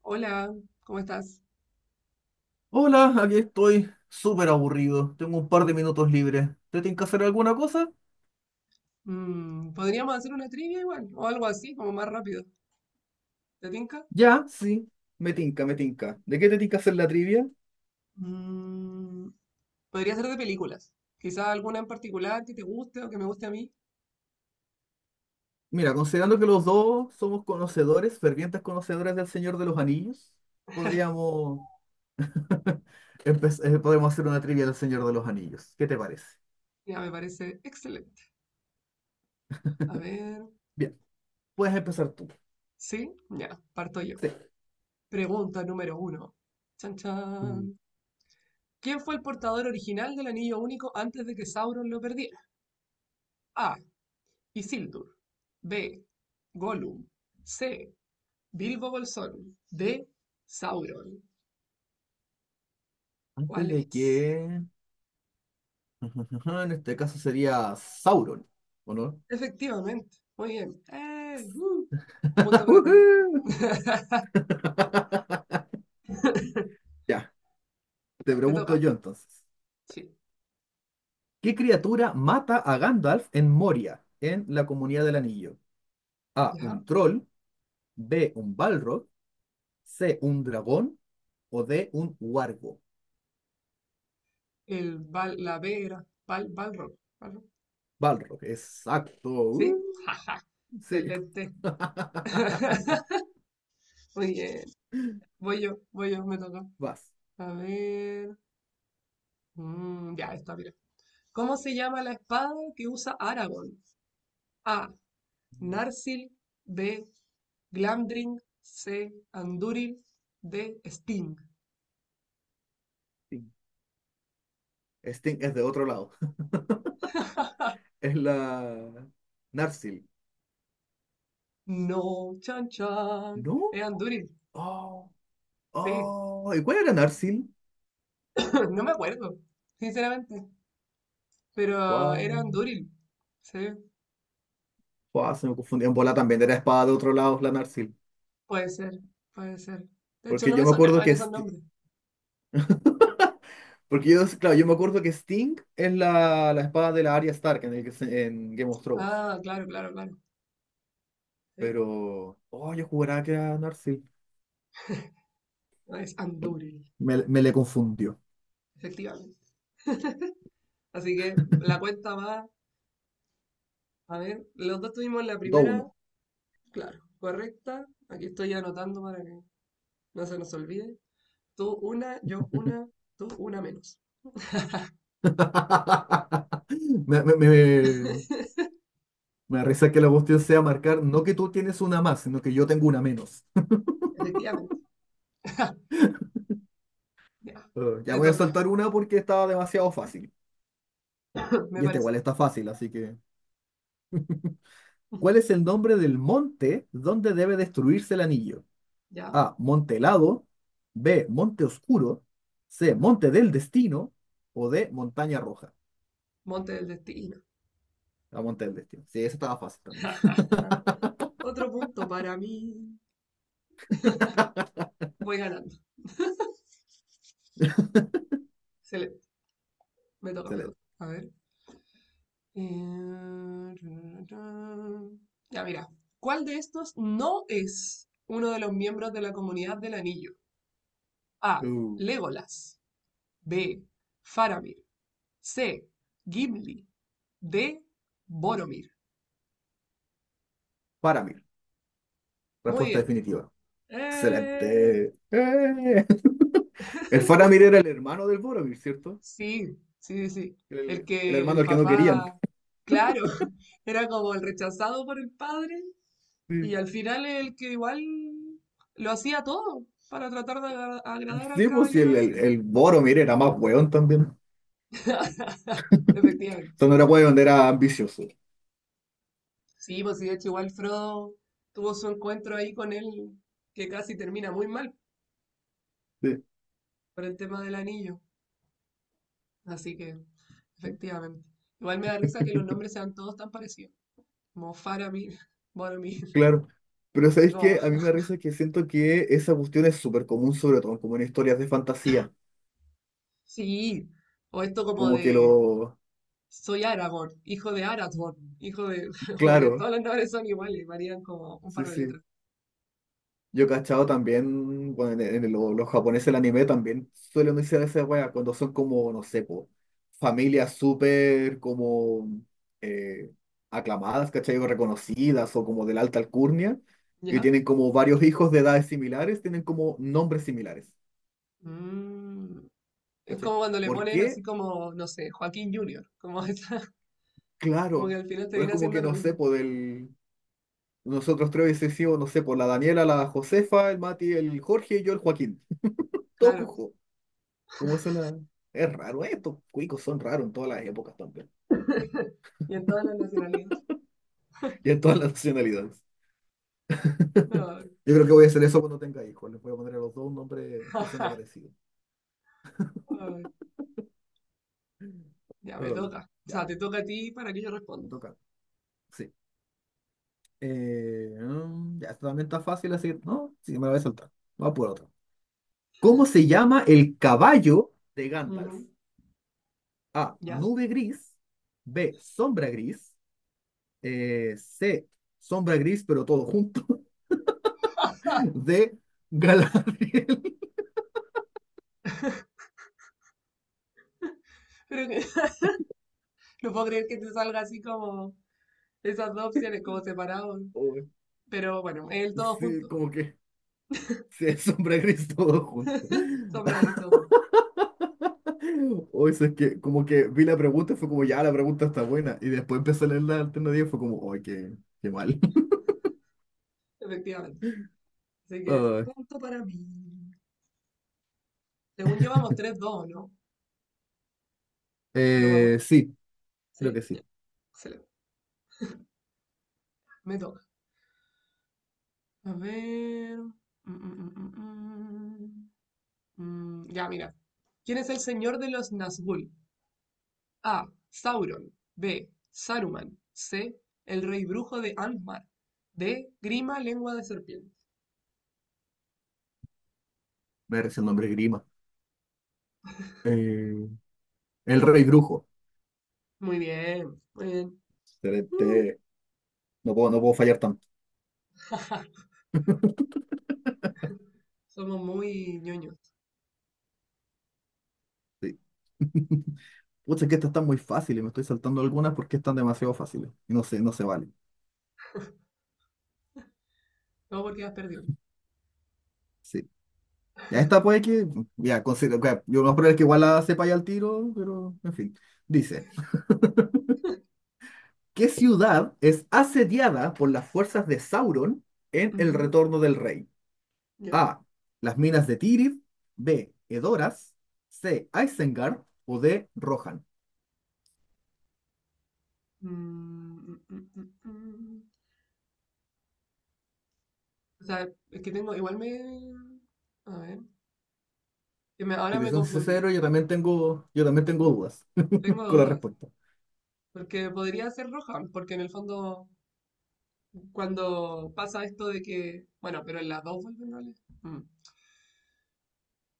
Hola, ¿cómo estás? Hola, aquí estoy súper aburrido. Tengo un par de minutos libres. ¿Te tinca hacer alguna cosa? Mm, podríamos hacer una trivia igual, o algo así, como más rápido. ¿Te tinca? Ya, sí, me tinca, me tinca. ¿De qué te tinca hacer la trivia? Mm, podría ser de películas. Quizá alguna en particular que te guste o que me guste a mí. Mira, considerando que los dos somos conocedores, fervientes conocedores del Señor de los Anillos, podríamos podemos hacer una trivia del Señor de los Anillos. ¿Qué te parece? Ya, me parece excelente. A ver, Bien, puedes empezar tú. ¿sí? Ya, parto yo. Sí. Pregunta número uno. Chan, Mm. chan. ¿Quién fue el portador original del Anillo Único antes de que Sauron lo perdiera? A. Isildur. B. Gollum. C. Bilbo Bolsón. D. Sauron. Antes ¿Cuál de es? que. En este caso sería Sauron, ¿o no? Efectivamente. Muy bien. Un punto para ti. ¡Woohoo! Ya, te Ya, te pregunto toca. yo entonces. Sí. ¿Qué criatura mata a Gandalf en Moria, en la Comunidad del Anillo? A, Ya. un troll, B, un balrog, C, un dragón o D, un huargo. El bal, la B era bal, balrog. Balrog. Balrog, exacto. ¿Sí? Jaja. Sí. Excelente. Muy bien. Voy yo, me toca. Vas. A ver. Mm, ya, está, mira. ¿Cómo se llama la espada que usa Aragorn? A. Sting, Narsil. B. Glamdring. C. Andúril. D. Sting. Sting es de otro lado. Es la Narsil. No, chan chan. ¿No? Era Andúril, Oh, sí. oh. ¿Y cuál era Narsil? No me acuerdo, sinceramente. Pero era Wow. Andúril, sí. Wow, se me confundí. En bola también era espada de otro lado, la Narsil. Puede ser, puede ser. De hecho, Porque no yo me me acuerdo sonaban que. esos nombres. Porque yo, claro, yo me acuerdo que Sting es la espada de la Arya Stark en, el que en Game of Thrones. Ah, claro. Sí. Pero, oh, yo juraba que era Narsil. Es Andúril, Me le confundió. efectivamente. Así que la cuenta va. A ver, los dos tuvimos la 2 primera, uno claro, correcta. Aquí estoy anotando para que no se nos olvide. Tú una, yo una, tú una menos. Me, me, me, me da risa que la cuestión sea marcar, no que tú tienes una más, sino que yo tengo una menos. Efectivamente. Ya, Ya te voy a toca, saltar una porque estaba demasiado fácil. me Y esta parece. igual está fácil, así que. ¿Cuál es el nombre del monte donde debe destruirse el anillo? Ya. A. Monte helado. B. Monte oscuro. C. Monte del destino. O D. Montaña roja. Monte del destino. La monte del destino. Sí, esa estaba fácil también. Otro punto para mí. Voy ganando. Excelente. Me toca, me Excelente. toca. A ver. Eh, Ya, mira. ¿Cuál de estos no es uno de los miembros de la comunidad del anillo? A. Uh, Legolas. B. Faramir. C. Gimli. D. Boromir. Faramir. Muy Respuesta bien. definitiva. ¡Eh! Excelente. ¡Eh! El Faramir era el hermano del Boromir, ¿cierto? Sí. El El que hermano el al que no querían. papá, claro, era como el rechazado por el padre y Sí, al final el que igual lo hacía todo para tratar de agradar al sí, pues sí, caballero el, el, ese. el Boromir era más hueón también. O Efectivamente. sea, no era hueón, era ambicioso. Sí, pues sí, de hecho igual Frodo tuvo su encuentro ahí con él que casi termina muy mal Sí. por el tema del anillo. Así que, efectivamente. Igual me da risa que los nombres sean todos tan parecidos. Como Faramir, Boromir. Claro, pero ¿sabéis como, qué? A mí me da risa que siento que esa cuestión es súper común, sobre todo como en historias de fantasía. sí, o esto como Como que de lo. soy Aragorn, hijo de Arathorn, hijo de. Como que Claro, todos los nombres son iguales, varían como un sí, par de sí. letras. Yo he cachado también, bueno, en los japoneses el anime también suelen decir esa wea cuando son como, no sé, po, familias súper como eh, aclamadas, ¿cachai? O reconocidas o como de la alta alcurnia y ¿Ya? tienen como varios hijos de edades similares, tienen como nombres similares, Mm, es ¿cachai? como cuando le ¿Por ponen así qué? como, no sé, Joaquín Junior, como esa, como que Claro, al final te pero es viene como que haciendo lo no sé, mismo. por el. Nosotros tres hubiese sido, no sé, por la Daniela, la Josefa, el Mati, el Jorge y yo, el Joaquín. Todo Claro. cujo. ¿Cómo se la? Es raro, ¿eh? Estos cuicos son raros en todas las épocas también. Y en todas las nacionalidades. Y en todas las nacionalidades. No. Yo creo que voy a hacer eso cuando tenga hijos. Les voy a poner a los dos un nombre que suene parecido. Ay, ya me Ah, toca. O sea, ya, te toca a ti para que yo me responda. toca. Sí. Ya, esto también está fácil, así que no, sí, me lo voy a saltar. Vamos por otro. ¿Cómo se llama el caballo de Ujú, Gandalf? A, ya. nube gris. B, sombra gris. C, sombra gris, pero todo junto. D, Galadriel. Pero que no puedo creer que te salga así como esas dos opciones, como separados. Uy, Pero bueno, el todo sí, junto. como que sí, sombra gris todo junto. Sombra y todo junto. O eso es que como que vi la pregunta y fue como, ya, la pregunta está buena. Y después empecé a leer la alternativa y fue como, ay, qué, qué mal. Efectivamente. Así que, Ay, punto para mí. Según yo, vamos 3-2, ¿no? ¿O no vamos? Sí, creo que ¿Sí? Ya, sí. excelente. Me toca. A ver. Mm. Ya, mira. ¿Quién es el señor de los Nazgûl? A. Sauron. B. Saruman. C. El rey brujo de Angmar. D. Grima, lengua de serpiente. Me recién nombre Grima. Eh, el rey brujo. Muy bien, muy bien. Mm. Excelente. No puedo, no puedo fallar tanto. Somos muy ñoños. Sí. Pucha, que estas están muy fáciles, me estoy saltando algunas porque están demasiado fáciles. Y no sé, no se vale. No porque has perdido. Sí. Ya esta puede que. Ya, considero, ok, yo no creo que igual la sepa ya al tiro, pero en fin. Dice: ¿Qué ciudad es asediada por las fuerzas de Sauron en El Ujú, Retorno del Rey? ya. A. Las minas de Tirith. B. Edoras. C. Isengard. O D. Rohan. Mm, mm, mm, mm, mm. O sea, es que tengo, igual me... A ver, Si ahora te me son confundí. sincero, yo también tengo dudas Tengo con la dudas. respuesta. Porque podría ser roja, porque en el fondo, cuando pasa esto de que... Bueno, pero en las dos vuelven roles. Mm,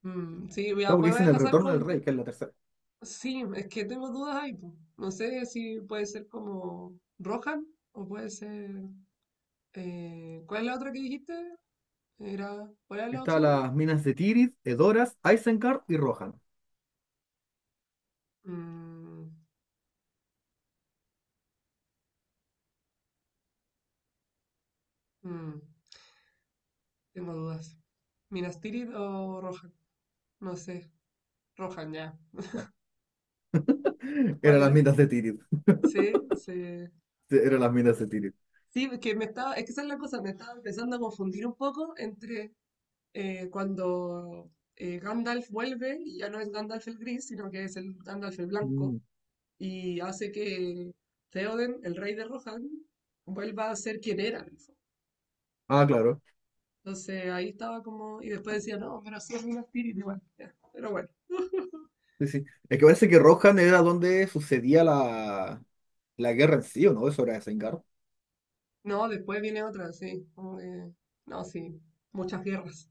mm, Sí, Claro, me porque voy dicen a El casar Retorno del Rey, con... que es la tercera. Sí, es que tengo dudas ahí. Po. No sé si puede ser como roja o puede ser... ¿cuál es la otra que dijiste? Era, ¿cuáles eran las Estaban opciones? las minas de Tirith, Edoras, Isengard y Rohan. Mm, Mm, tengo dudas. ¿Minas Tirith o Rohan? No sé. Rohan ya. Ya. Eran ¿Cuál las era? minas de Tirith. Sí, sí. Sí, eran las minas de Tirith. Sí, es que me estaba, es que esa es la cosa, me estaba empezando a confundir un poco entre cuando Gandalf vuelve y ya no es Gandalf el gris, sino que es el Gandalf el blanco Mm. y hace que Theoden, el rey de Rohan, vuelva a ser quien era en el fondo. Ah, claro. Entonces ahí estaba como, y después decía, no, pero sí es Minas Tirith igual. Ya. Pero bueno. Sí, sí. Es que parece que Rohan era donde sucedía la guerra en sí, ¿o no? Eso era Isengard. No, después viene otra, sí, como que- no, sí. Muchas guerras.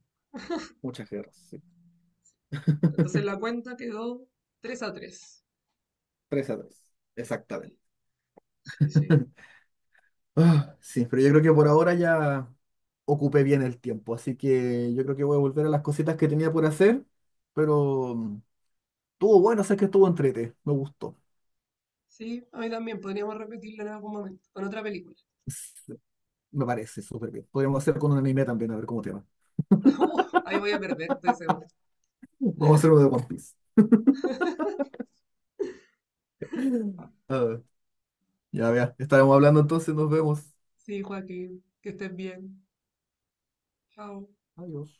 Muchas guerras, sí. Entonces la cuenta quedó 3 a 3. 3 a tres. Exactamente. Sí, sí. Ah, sí, pero yo creo que por ahora ya ocupé bien el tiempo, así que yo creo que voy a volver a las cositas que tenía por hacer, pero estuvo bueno, sé que estuvo entrete, me gustó. Sí, a mí también podríamos repetirla en algún momento, con otra película. Me parece súper bien. Podríamos hacer con un anime también, a ver cómo te va. Ahí voy a perder, estoy segura. Vamos a hacer uno de One Piece. Ah, ya, vea. Estaremos hablando entonces, nos vemos. Sí, Joaquín, que estés bien. Chao. Adiós.